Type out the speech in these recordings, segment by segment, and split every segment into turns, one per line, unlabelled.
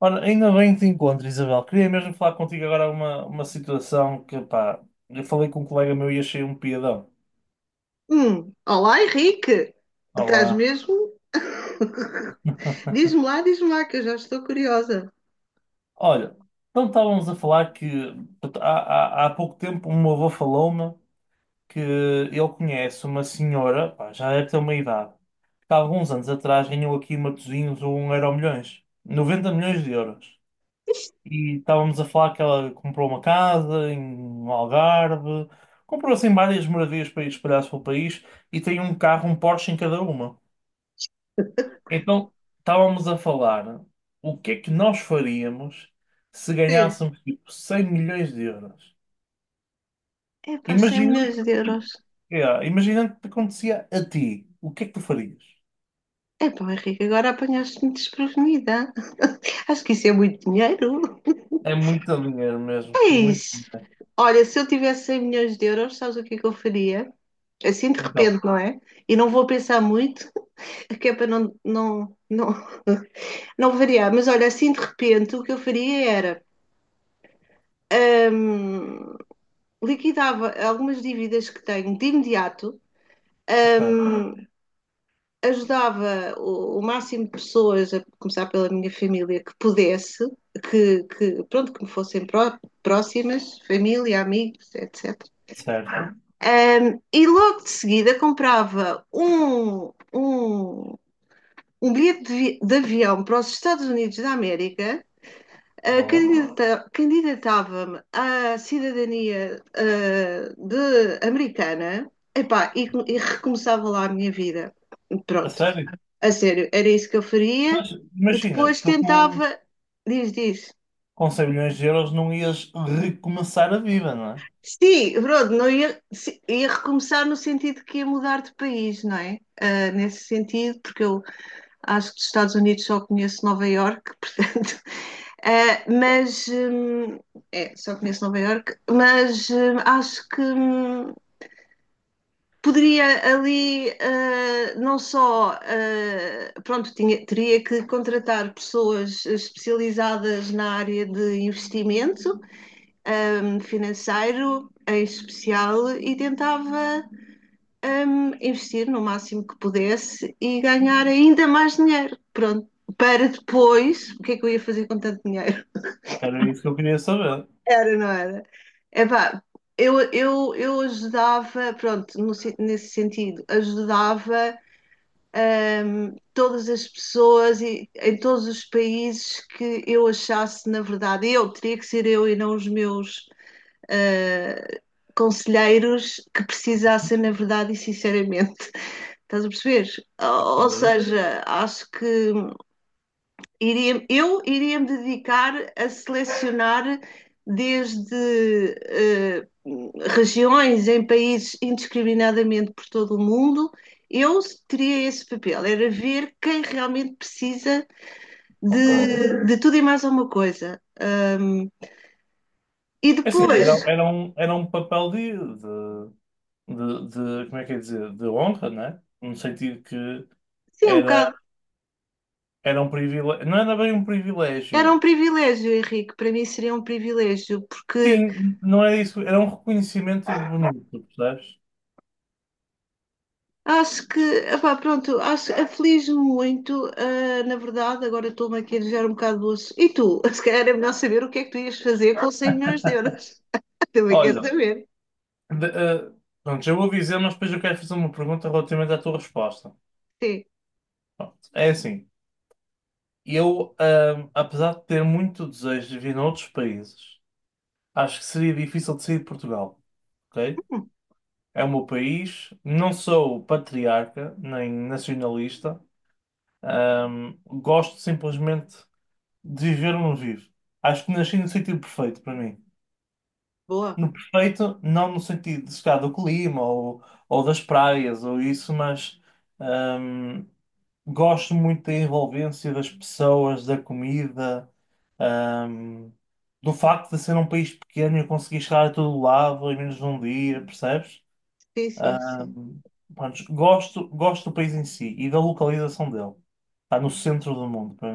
Ora, ainda bem que te encontro, Isabel. Queria mesmo falar contigo agora uma situação que, pá, eu falei com um colega meu e achei um piadão.
Olá, Henrique. Estás
Olá.
mesmo? Diz-me lá, que eu já estou curiosa.
Olha, então estávamos a falar que portanto, há pouco tempo um meu avô falou-me que ele conhece uma senhora, pá, já deve ter uma idade, que há alguns anos atrás ganhou aqui em Matosinhos um Euromilhões, 90 milhões de euros. E estávamos a falar que ela comprou uma casa no Algarve, comprou assim várias maravilhas para ir espalhar pelo país e tem um carro, um Porsche em cada uma. Então estávamos a falar o que é que nós faríamos se
Sim.
ganhássemos tipo 100 milhões de euros.
Epá, 100
Imaginando,
milhões de euros.
imaginando que te acontecia a ti, o que é que tu farias?
Epá, Henrique, agora apanhaste-me desprevenida. Acho que isso é muito dinheiro.
É muito dinheiro mesmo, muito
Eis,
dinheiro.
Olha, se eu tivesse 100 milhões de euros, sabes o que é que eu faria? Assim de
Então,
repente, não é? E não vou pensar muito, é que é para não variar. Mas olha, assim de repente, o que eu faria era hum, liquidava algumas dívidas que tenho de imediato,
ok,
hum, ajudava o máximo de pessoas, a começar pela minha família, que pudesse, que pronto, que me fossem próximas, família, amigos, etc.
certo,
E logo de seguida comprava um bilhete de avião para os Estados Unidos da América. Uh,
boa.
candidata- Candidatava-me à cidadania de americana, epá, e recomeçava lá a minha vida.
A
Pronto,
sério?
a sério, era isso que eu faria.
Mas
E
imagina,
depois
estou com um
tentava, diz, diz.
com 100 milhões de euros não ias recomeçar a vida, não é?
Sim, pronto, não ia, ia recomeçar no sentido que ia mudar de país, não é? Ah, nesse sentido, porque eu acho que dos Estados Unidos só conheço Nova Iorque, portanto. Mas só conheço Nova Iorque, mas acho que poderia ali não só pronto, teria que contratar pessoas especializadas na área de investimento financeiro em especial e tentava investir no máximo que pudesse e ganhar ainda mais dinheiro. Pronto, para depois, o que é que eu ia fazer com tanto dinheiro?
Era isso que eu queria saber.
Era, não era? Epá, eu ajudava, pronto, no nesse sentido, ajudava todas as pessoas e em todos os países que eu achasse, na verdade, eu teria que ser eu e não os meus ah, conselheiros que precisassem, na verdade e sinceramente. Estás a perceber?
Ok,
Ou seja, acho que iria me dedicar a selecionar desde regiões em países indiscriminadamente por todo o mundo. Eu teria esse papel, era ver quem realmente precisa
ok.
de tudo e mais alguma coisa. E
É assim,
depois,
era um papel como é que é dizer, de honra, não é? No sentido que
sim, um
era,
bocado
era um privilégio, não era bem um
era
privilégio.
um privilégio, Henrique, para mim seria um privilégio, porque
Sim, não era isso, era um reconhecimento bonito, percebes?
acho que, epá, pronto, acho, aflige-me muito, na verdade, agora estou-me aqui a desviar um bocado do assunto. E tu, se calhar é melhor saber o que é que tu ias fazer com 100 milhões de euros. Também quer
Olha,
saber.
de- eh, pronto, já vou dizer, mas depois eu quero fazer uma pergunta relativamente à tua resposta.
Sim.
Pronto, é assim. Eu, apesar de ter muito desejo de vir a outros países, acho que seria difícil de sair de Portugal, ok?
Hum,
É o meu país, não sou patriarca nem nacionalista, gosto simplesmente de viver onde vivo. Acho que nasci no sentido perfeito para mim.
boa.
No perfeito, não no sentido de chegar do clima ou das praias ou isso, mas gosto muito da envolvência das pessoas, da comida, ahm, do facto de ser um país pequeno e eu conseguir chegar a todo lado em menos de um dia, percebes?
Sim, sim, sim.
Ahm, pronto, gosto do país em si e da localização dele. Está no centro do mundo para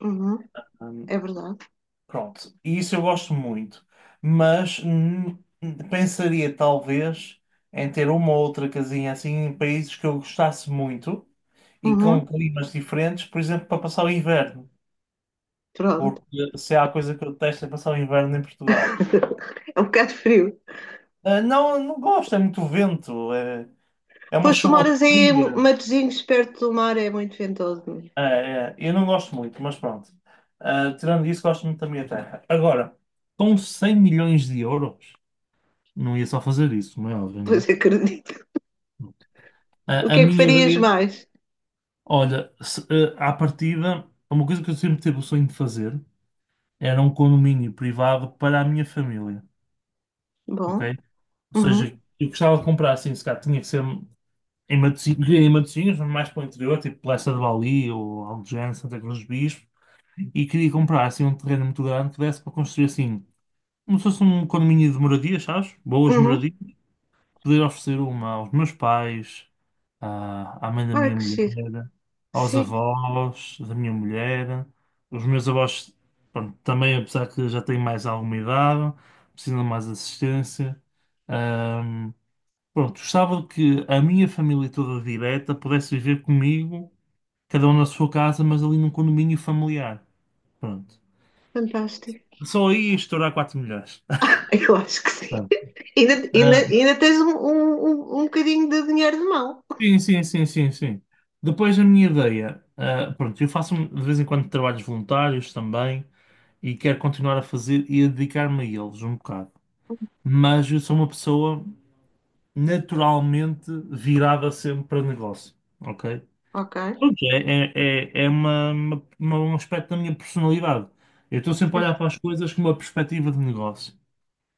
Uhum.
mim.
É verdade.
Pronto, e isso eu gosto muito, mas pensaria talvez em ter uma ou outra casinha assim em países que eu gostasse muito e
Uhum.
com climas diferentes, por exemplo, para passar o inverno,
Pronto.
porque se há coisa que eu detesto é passar o inverno em Portugal.
É um bocado frio.
Ah, não, não gosto, é muito vento, é uma
Pois tu
chuva
moras aí em
fria.
Matosinhos, perto do mar, é muito ventoso mesmo.
É, é, eu não gosto muito, mas pronto. Ah, tirando isso, gosto muito da minha terra. Agora, com 100 milhões de euros, não ia só fazer isso, como é óbvio, não
Pois acredito.
é?
O
A
que é que
minha
farias
ideia,
mais?
olha, se, eh, à partida, uma coisa que eu sempre tive o sonho de fazer era um condomínio privado para a minha família, ok?
Bom.
Ou
Uhum.
seja, eu gostava de comprar assim, se calhar tinha que ser em Matosinhos, queria em Matosinhos, mas mais para o interior, tipo Leça de Bali ou Algés, Santa Cruz do Bispo, e queria comprar assim um terreno muito grande que desse para construir assim, como se fosse um condomínio de moradias, sabes? Boas
Uhum.
moradias, poder oferecer uma aos meus pais, à mãe da
Olha
minha
que
mulher,
giro.
aos
Sim,
avós da minha mulher. Os meus avós, pronto, também, apesar que já têm mais alguma idade, precisam de mais assistência. Ahm, pronto, gostava que a minha família toda direta pudesse viver comigo, cada um na sua casa, mas ali num condomínio familiar. Pronto.
fantástico.
Só aí ia estourar 4 milhões.
Eu acho que sim.
Pronto.
Ainda, ainda,
Ah,
ainda tens um bocadinho de dinheiro de mão.
sim, sim, sim, sim, sim. Depois a minha ideia, ah, pronto, eu faço, um, de vez em quando, trabalhos voluntários também e quero continuar a fazer e a dedicar-me a eles um bocado. Mas eu sou uma pessoa naturalmente virada sempre para negócio, ok?
Ok.
Pronto, é um aspecto da minha personalidade. Eu estou sempre a
Certo.
olhar para as coisas com uma perspectiva de negócio,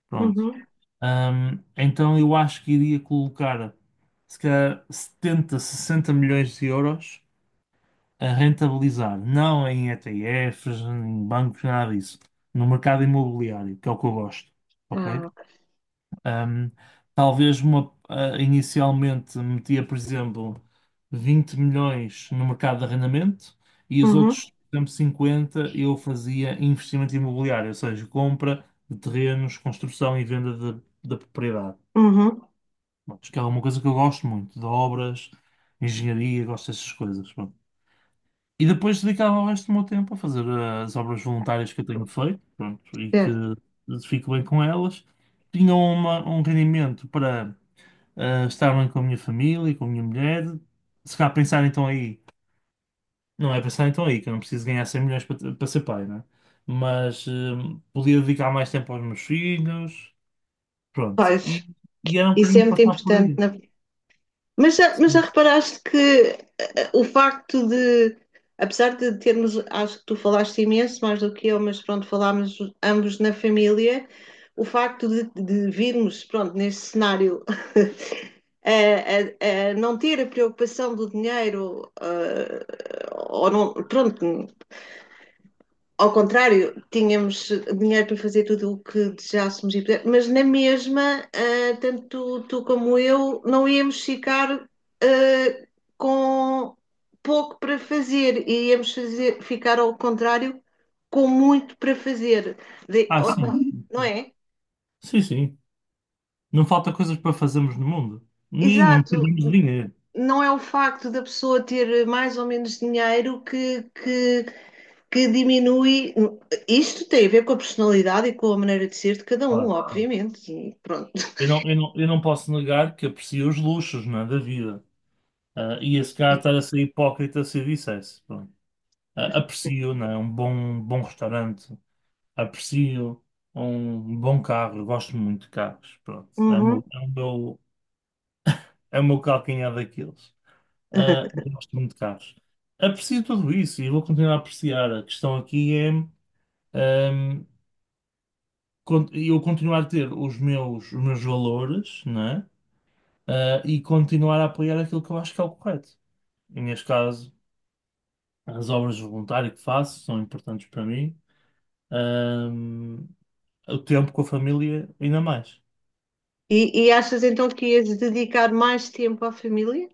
pronto.
Uhum.
Então eu acho que iria colocar, se calhar, 70 60 milhões de euros a rentabilizar, não em ETFs, em bancos, nada disso, no mercado imobiliário, que é o que eu gosto, ok?
Ah, ok.
Ahm, talvez inicialmente metia, por exemplo, 20 milhões no mercado de arrendamento e os
Uhum.
outros, por exemplo, 50 eu fazia investimento imobiliário, ou seja, compra de terrenos, construção e venda da propriedade.
Uhum.
Pronto, que é uma coisa que eu gosto muito, de obras, engenharia, gosto dessas coisas. E depois dedicava o resto do meu tempo a fazer as obras voluntárias que eu tenho feito, pronto, e que
Certo.
fico bem com elas. Tinha um rendimento para estar bem com a minha família, com a minha mulher. Se calhar pensar então aí, não é pensar então aí, que eu não preciso ganhar 100 milhões para ser pai, né? Mas podia dedicar mais tempo aos meus filhos, pronto.
Pois,
E era um
isso é
bocadinho
muito
passar por
importante.
aí.
Na Mas já
Sim.
reparaste que o facto de, apesar de termos, acho que tu falaste imenso mais do que eu, mas pronto, falámos ambos na família, o facto de virmos, pronto, neste cenário, a, a não ter a preocupação do dinheiro, eh, ou não, pronto, ao contrário, tínhamos dinheiro para fazer tudo o que desejássemos e pudéssemos, mas na mesma, tanto tu como eu, não íamos ficar ah, com pouco para fazer, e íamos fazer, ficar ao contrário com muito para fazer, De-
Ah, sim.
não é?
Sim, sim. Não falta coisas para fazermos no mundo. Nem não
Exato.
precisamos de dinheiro.
Não é o facto da pessoa ter mais ou menos dinheiro que, que diminui. Isto tem a ver com a personalidade e com a maneira de ser de cada um,
Claro, claro.
obviamente. E pronto.
Eu não posso negar que aprecio os luxos, não é, da vida. Ah, e esse cara estar a ser hipócrita se eu dissesse. Pronto. Ah, aprecio, não é, um bom restaurante. Aprecio um bom carro. Eu gosto muito de carros. Pronto. É o
Uhum.
meu, é o meu, é o meu calcanhar daqueles. Ah, eu gosto muito de carros. Aprecio tudo isso e vou continuar a apreciar. A questão aqui é, ahm, eu continuar a ter os meus valores, não é? Eh, e continuar a apoiar aquilo que eu acho que é o correto. E neste caso, as obras de voluntário que faço são importantes para mim, ahm, o tempo com a família ainda mais.
E, e achas então que ias dedicar mais tempo à família?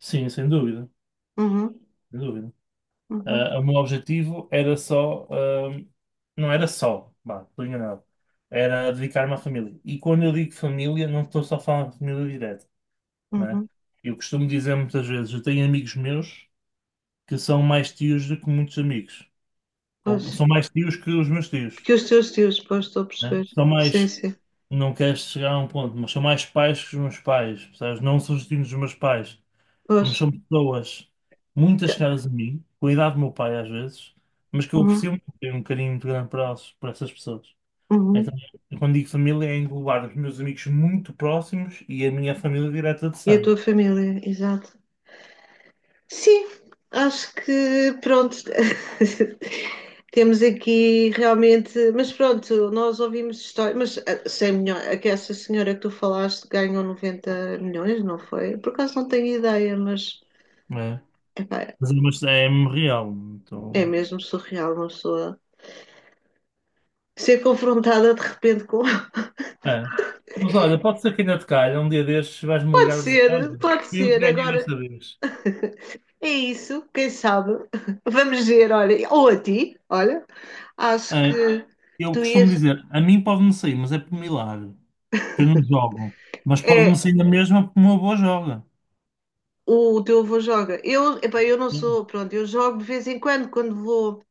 Sim, sem dúvida,
Uhum,
sem dúvida.
uhum,
Ah, o meu objetivo era só, não era só, bah, estou enganado, era dedicar-me à família. E quando eu digo família, não estou só a falar de família direta, né?
uhum.
Eu costumo dizer muitas vezes, eu tenho amigos meus que são mais tios do que muitos amigos.
Pois.
Ou são mais tios que os meus tios.
Que os teus tios, pois, estou a
Né?
perceber.
São
Sim,
mais,
sim.
não queres chegar a um ponto, mas são mais pais que os meus pais, percebes? Não sou destino dos meus pais,
Pois.
mas são pessoas muitas
Tá.
caras a mim, com a idade do meu pai às vezes, mas que eu
Uhum,
aprecio muito, tenho um carinho muito grande para elas, para essas pessoas. Então,
uhum.
eu quando digo família, é englobar os meus amigos muito próximos e a minha família direta de
E a
sangue,
tua família, exato. Sim, acho que pronto. Temos aqui realmente, mas pronto, nós ouvimos histórias, mas 100 milhões, é que essa senhora que tu falaste ganhou 90 milhões, não foi? Por acaso não tenho ideia, mas
né?
epá,
Mas é mesmo real,
é
então,
mesmo surreal uma pessoa ser confrontada de repente com.
é. Mas olha, pode ser que ainda te calhe, um dia destes vais-me ligar a dizer: olha,
Pode
fui eu que
ser,
ganhei desta
agora
vez.
é isso, quem sabe? Vamos ver, olha, ou a ti, olha, acho
É.
que
Eu
tu
costumo
ias.
dizer, a mim pode-me sair, mas é por milagre, que eu não jogo. Mas pode-me
É.
sair a mesma porque o meu avô joga.
O teu avô joga. Epá, eu não
Hum.
sou, pronto, eu jogo de vez em quando, quando vou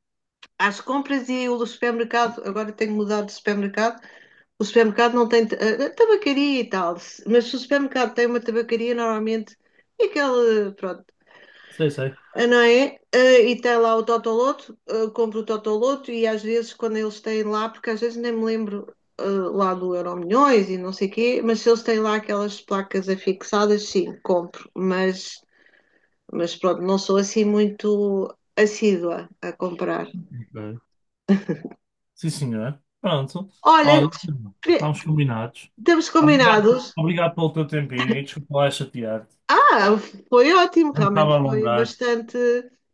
às compras e o supermercado, agora tenho mudado de supermercado, o supermercado não tem tabacaria e tal, mas se o supermercado tem uma tabacaria, normalmente é aquela pronto,
Sei, sei.
não é? E tem lá o Totoloto, compro o Totoloto e às vezes quando eles têm lá, porque às vezes nem me lembro eh, lá do Euro Milhões e não sei o quê, mas se eles têm lá aquelas placas afixadas, sim, compro, mas pronto, não sou assim muito assídua a comprar.
Ok. Sim, senhor. Pronto.
Olha,
Olha, estamos combinados.
temos
Obrigado,
combinados.
pe- obrigado pelo teu tempinho e desculpa lá chatear-te.
Ah, foi ótimo,
Não estava
realmente
a
foi
alongar.
bastante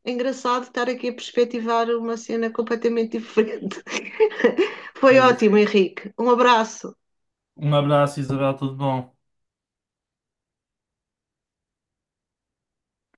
engraçado estar aqui a perspectivar uma cena completamente diferente. Foi
É isso.
ótimo, Henrique. Um abraço.
Um abraço, Isabel, tudo bom?